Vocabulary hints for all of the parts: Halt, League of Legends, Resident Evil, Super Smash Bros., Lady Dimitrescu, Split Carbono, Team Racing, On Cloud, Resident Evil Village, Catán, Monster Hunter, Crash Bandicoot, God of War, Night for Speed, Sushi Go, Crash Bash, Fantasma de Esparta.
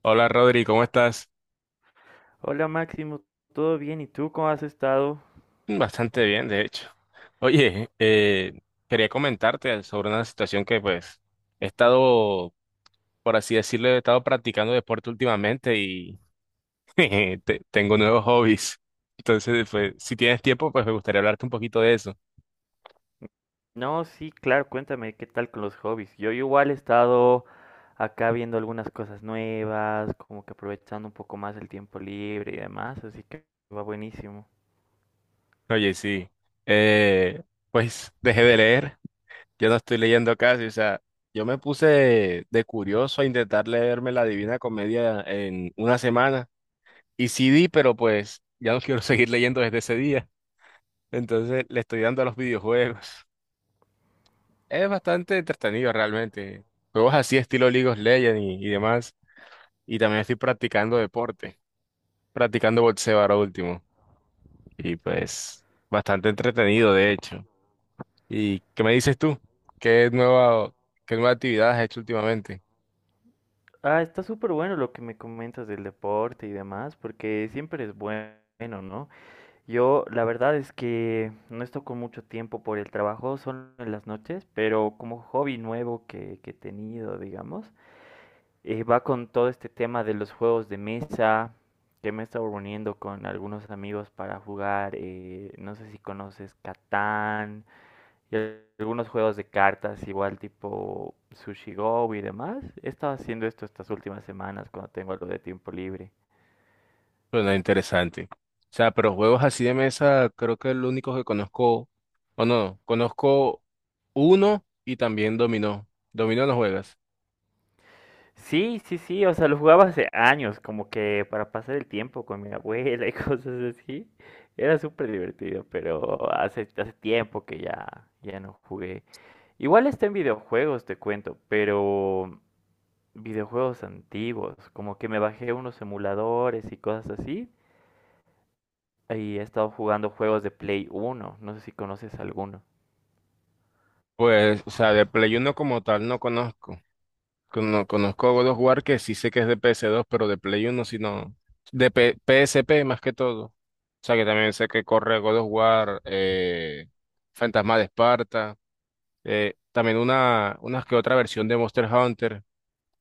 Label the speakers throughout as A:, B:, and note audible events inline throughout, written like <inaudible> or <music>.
A: Hola Rodri, ¿cómo estás?
B: Hola Máximo, ¿todo bien? ¿Y tú cómo has estado?
A: Bastante bien, de hecho. Oye, quería comentarte sobre una situación que pues he estado, por así decirlo, he estado practicando deporte últimamente y <laughs> tengo nuevos hobbies. Entonces, pues, si tienes tiempo, pues me gustaría hablarte un poquito de eso.
B: No, sí, claro, cuéntame qué tal con los hobbies. Yo igual he estado acá viendo algunas cosas nuevas, como que aprovechando un poco más el tiempo libre y demás, así que va buenísimo.
A: Oye, sí. Eh, pues dejé de leer, yo no estoy leyendo casi, o sea, yo me puse de curioso a intentar leerme la Divina Comedia en una semana. Y CD, pero pues ya no quiero <laughs> seguir leyendo desde ese día. Entonces le estoy dando a los videojuegos. Es bastante entretenido realmente. Juegos así estilo League of Legends y demás. Y también estoy practicando deporte, practicando boxeo ahora último. Y pues bastante entretenido de hecho. ¿Y qué me dices tú? ¿Qué nueva, ¿qué nueva actividad has hecho últimamente?
B: Ah, está súper bueno lo que me comentas del deporte y demás, porque siempre es bueno, ¿no? Yo la verdad es que no estoy con mucho tiempo por el trabajo, solo en las noches, pero como hobby nuevo que he tenido, digamos. Va con todo este tema de los juegos de mesa, que me he estado reuniendo con algunos amigos para jugar, no sé si conoces Catán, y algunos juegos de cartas, igual tipo Sushi Go y demás. He estado haciendo esto estas últimas semanas cuando tengo algo de tiempo libre.
A: Suena interesante. O sea, pero juegos así de mesa, creo que el único que conozco, o no, conozco uno y también dominó. Dominó no juegas.
B: Sí, sí, sí, o sea, lo jugaba hace años, como que para pasar el tiempo con mi abuela y <laughs> cosas así. Era súper divertido, pero hace tiempo que ya no jugué. Igual está en videojuegos, te cuento, pero videojuegos antiguos, como que me bajé unos emuladores y cosas así, y he estado jugando juegos de Play uno. No sé si conoces alguno.
A: Pues, o sea, de Play uno como tal no conozco. No conozco God of War, que sí sé que es de ps dos, pero de Play uno sí no. PSP más que todo. O sea, que también sé que corre God of War, Fantasma de Esparta, también una que otra versión de Monster Hunter.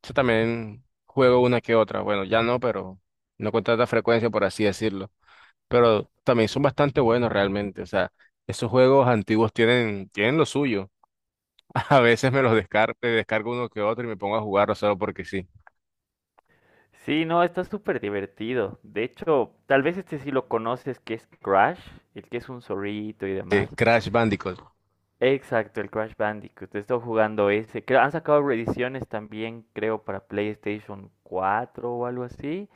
A: Yo también juego una que otra. Bueno, ya no, pero no con tanta frecuencia, por así decirlo. Pero también son bastante buenos realmente. O sea, esos juegos antiguos tienen lo suyo. <laughs> A veces me los descargo, descargo uno que otro y me pongo a jugarlo solo porque sí.
B: Sí, no, está súper divertido. De hecho, tal vez este sí lo conoces, que es Crash, el que es un zorrito y demás.
A: Crash Bandicoot.
B: Exacto, el Crash Bandicoot. He estado jugando ese. Han sacado reediciones también, creo, para PlayStation 4 o algo así.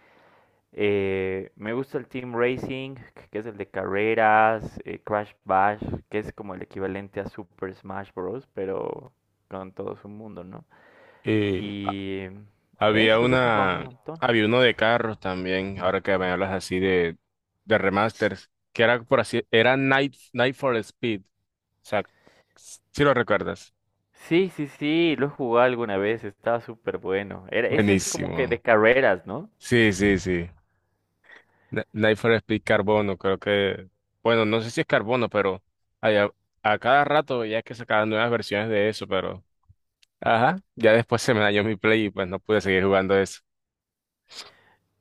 B: Me gusta el Team Racing, que es el de carreras, Crash Bash, que es como el equivalente a Super Smash Bros., pero con todo su mundo, ¿no?
A: Y
B: Y
A: había
B: eso, o sea, esto jugando un
A: una,
B: montón.
A: Había uno de carros también, ahora que me hablas así de remasters, que era por así, era Night for Speed. O sea, si lo recuerdas.
B: Sí, sí, sí, lo jugué alguna vez, estaba súper bueno. Ese es como que
A: Buenísimo.
B: de carreras, ¿no?
A: Sí, sí, sí. Nifer es Split Carbono, creo que, bueno, no sé si es carbono, pero allá- a, cada rato ya que sacaban nuevas versiones de eso, pero, ajá, ya después se me dañó mi play y pues no pude seguir jugando eso.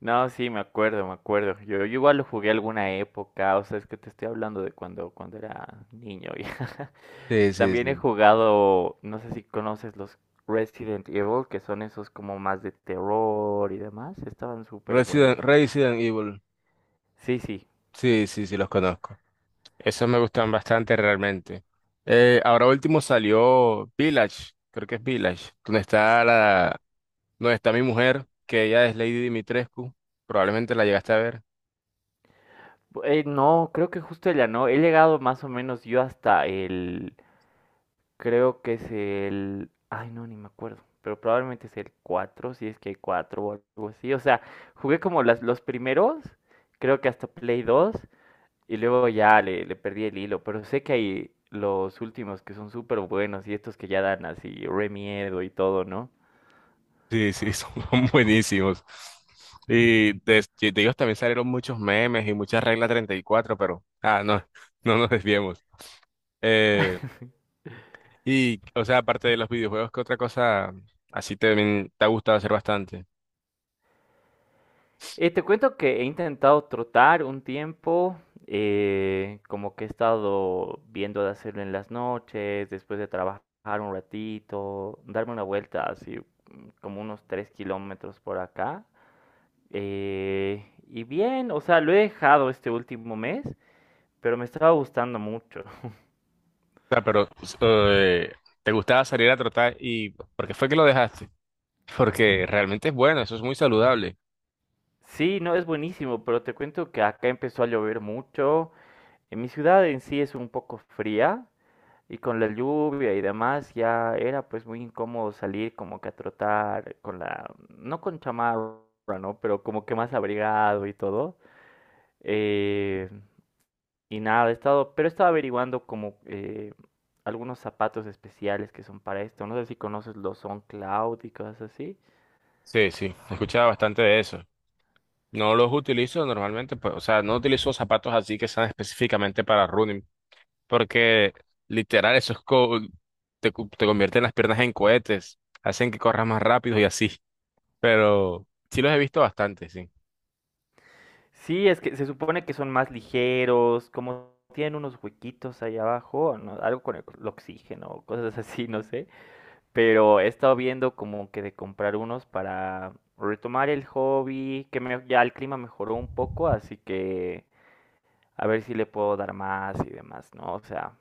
B: No, sí, me acuerdo, me acuerdo. Yo igual lo jugué alguna época, o sea, es que te estoy hablando de cuando era niño. <laughs> ya.
A: Sí, sí,
B: También he
A: sí.
B: jugado, no sé si conoces los Resident Evil, que son esos como más de terror y demás. Estaban súper buenos.
A: Resident Evil,
B: Sí, sí.
A: sí, sí, sí, los conozco. Esos me gustan bastante realmente. Ahora último salió Village, creo que es Village, donde está mi mujer, que ella es Lady Dimitrescu, probablemente la llegaste a ver.
B: No, creo que justo ella no. He llegado más o menos yo hasta el... Creo que es el... Ay, no, ni me acuerdo. Pero probablemente es el 4 si es que hay 4 o algo así. O sea, jugué como los primeros, creo que hasta Play 2. Y luego ya le perdí el hilo, pero sé que hay los últimos que son súper buenos y estos que ya dan así re miedo y todo, ¿no?
A: Sí, sí, <laughs> son buenísimos. Y de te digo, también salieron muchos memes y muchas reglas 34, pero ah, no, <laughs> no nos desviemos. Eh, y, o sea, aparte de los videojuegos, ¿qué otra cosa así te ha gustado hacer bastante?
B: Te cuento que he intentado trotar un tiempo, como que he estado viendo de hacerlo en las noches, después de trabajar un ratito, darme una vuelta así como unos 3 kilómetros por acá. Y bien, o sea, lo he dejado este último mes, pero me estaba gustando mucho.
A: O sea, pero eh, te gustaba salir a trotar y ¿por qué fue que lo dejaste? Porque realmente es bueno, eso es muy saludable.
B: Sí, no, es buenísimo, pero te cuento que acá empezó a llover mucho. En mi ciudad en sí es un poco fría y con la lluvia y demás ya era pues muy incómodo salir como que a trotar con no con chamarra, ¿no? Pero como que más abrigado y todo. Eh, y nada, he estado averiguando como algunos zapatos especiales que son para esto. No sé si conoces los On Cloud y cosas así.
A: Sí, sí, he escuchado bastante de eso. No los utilizo normalmente, pues, o sea, no utilizo zapatos así que sean específicamente para running, porque literal, eso es te convierten las piernas en cohetes, hacen que corras más rápido y así. Pero sí los he visto bastante, sí.
B: Sí, es que se supone que son más ligeros, como tienen unos huequitos ahí abajo, ¿no? Algo con el oxígeno o cosas <laughs> así, no sé. Pero he estado viendo como que de comprar unos para retomar el hobby, que ya el clima mejoró un poco, así que a ver si le puedo dar más y demás, ¿no? O sea,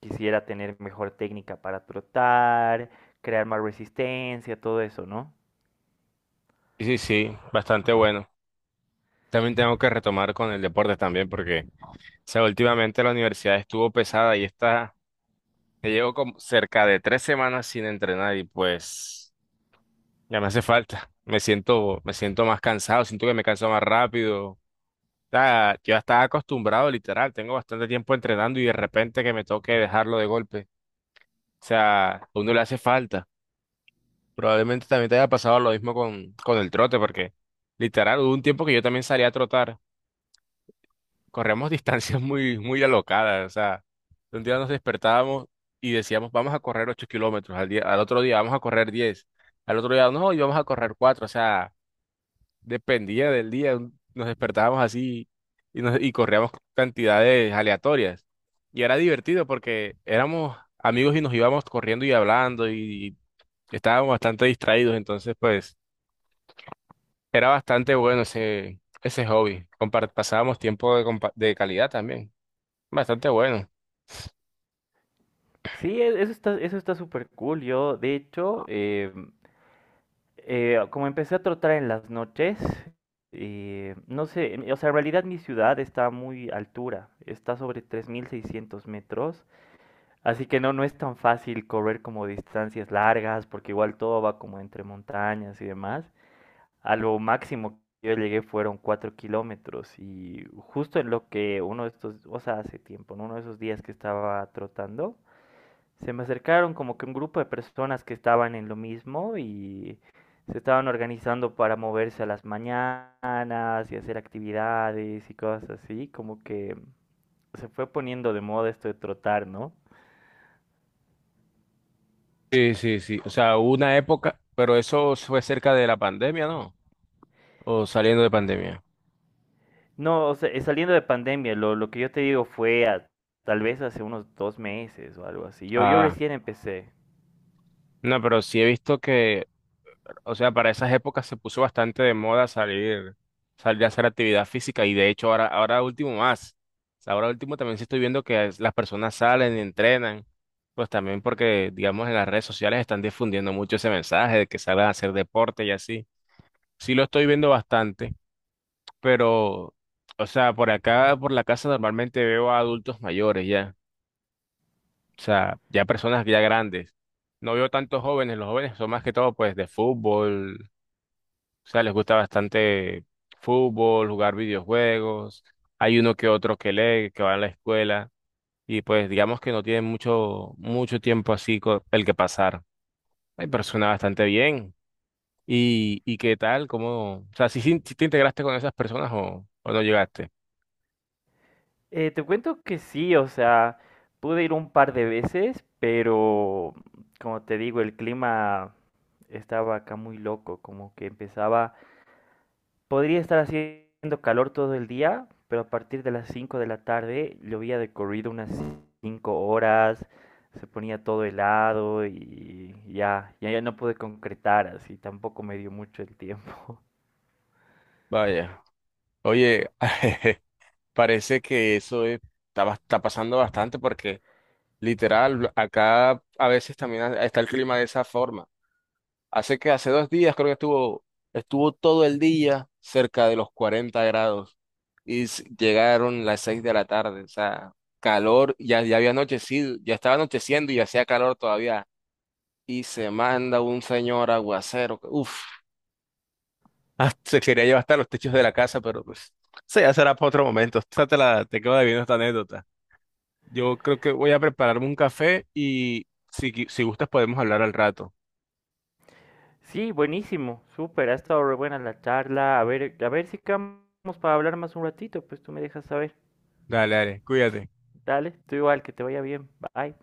B: quisiera tener mejor técnica para trotar, crear más resistencia, todo eso, ¿no?
A: Y sí, sí, bastante bueno. También tengo que retomar con el deporte también, porque, o sea, últimamente la universidad estuvo pesada y está, ya llevo como cerca de 3 semanas sin entrenar y pues ya me hace falta. Me siento más cansado, siento que me canso más rápido, sea, yo ya estaba acostumbrado, literal, tengo bastante tiempo entrenando y de repente que me toque dejarlo de golpe. O sea, a uno le hace falta. Probablemente también te haya pasado lo mismo con el trote, porque literal, hubo un tiempo que yo también salía a trotar. Corremos <laughs> distancias muy alocadas. O sea, un día nos despertábamos y decíamos, vamos a correr 8 kilómetros al día, al otro día vamos a correr 10, al otro día no, y vamos a correr 4. O sea, dependía del día. Nos despertábamos así y corríamos cantidades aleatorias. Y era divertido porque éramos amigos y nos íbamos corriendo y hablando y estábamos bastante distraídos. Entonces, pues, era bastante bueno ese hobby. Pasábamos tiempo de calidad también. Bastante bueno.
B: Sí, eso está súper cool. Yo, de hecho, como empecé a trotar en las noches, no sé, o sea, en realidad mi ciudad está a muy altura, está sobre 3.600 metros, así que no, no es tan fácil correr como distancias largas, porque igual todo va como entre montañas y demás. A lo máximo que yo llegué fueron 4 kilómetros y justo en lo que uno de estos, o sea, hace tiempo, en uno de esos días que estaba trotando, se me acercaron como que un grupo de personas que estaban en lo mismo y se estaban organizando para moverse a las mañanas y hacer actividades y cosas así, como que se fue poniendo de moda esto de trotar, ¿no?
A: Sí, sí, sí. O sea, hubo una época, pero eso fue cerca de la pandemia, ¿no? O saliendo de pandemia.
B: No, o sea, saliendo de pandemia, lo que yo te digo fue tal vez hace unos 2 meses o algo así. Yo
A: Ah,
B: recién empecé.
A: no, pero sí he visto que o sea, para esas épocas se puso bastante de moda salir, salir a hacer actividad física y de hecho ahora último más. O sea, ahora último también sí estoy viendo que las personas salen y entrenan, pues también porque, digamos, en las redes sociales están difundiendo mucho ese mensaje de que salgan a hacer deporte y así. Sí lo estoy viendo bastante, pero, o sea, por acá, por la casa normalmente veo a adultos mayores ya, o sea, ya personas ya grandes. No veo tantos jóvenes, los jóvenes son más que todo pues de fútbol. O sea, les gusta bastante fútbol, jugar videojuegos. Hay uno que otro que lee, que va a la escuela. Y pues digamos que no tienen mucho tiempo así el que pasar. Hay personas bastante bien. Y qué tal? ¿Cómo? O sea, si si te integraste con esas personas o no llegaste?
B: Te cuento que sí, o sea, pude ir un par de veces, pero como te digo, el clima estaba acá muy loco, como que empezaba, podría estar haciendo calor todo el día, pero a partir de las 5 de la tarde llovía de corrido unas 5 horas, se ponía todo helado y ya no pude concretar así, tampoco me dio mucho el tiempo.
A: Vaya, oye, <laughs> parece que está, está pasando bastante porque literal, acá a veces también está el clima de esa forma. Hace que hace 2 días creo que estuvo, estuvo todo el día cerca de los 40 grados y llegaron las 6 de la tarde, o sea, calor, ya, ya había anochecido, ya estaba anocheciendo y hacía calor todavía. Y se manda un señor aguacero, que, uff, <laughs> se quería llevar hasta los techos de la casa, pero pues, sí ya será para otro momento. Te quedo debiendo esta anécdota. Yo creo que voy a prepararme un café y si, si gustas podemos hablar al rato.
B: Sí, buenísimo, súper, ha estado re buena la charla. A ver si quedamos para hablar más un ratito, pues tú me dejas saber.
A: Dale, dale, cuídate.
B: Dale, tú igual, que te vaya bien. Bye.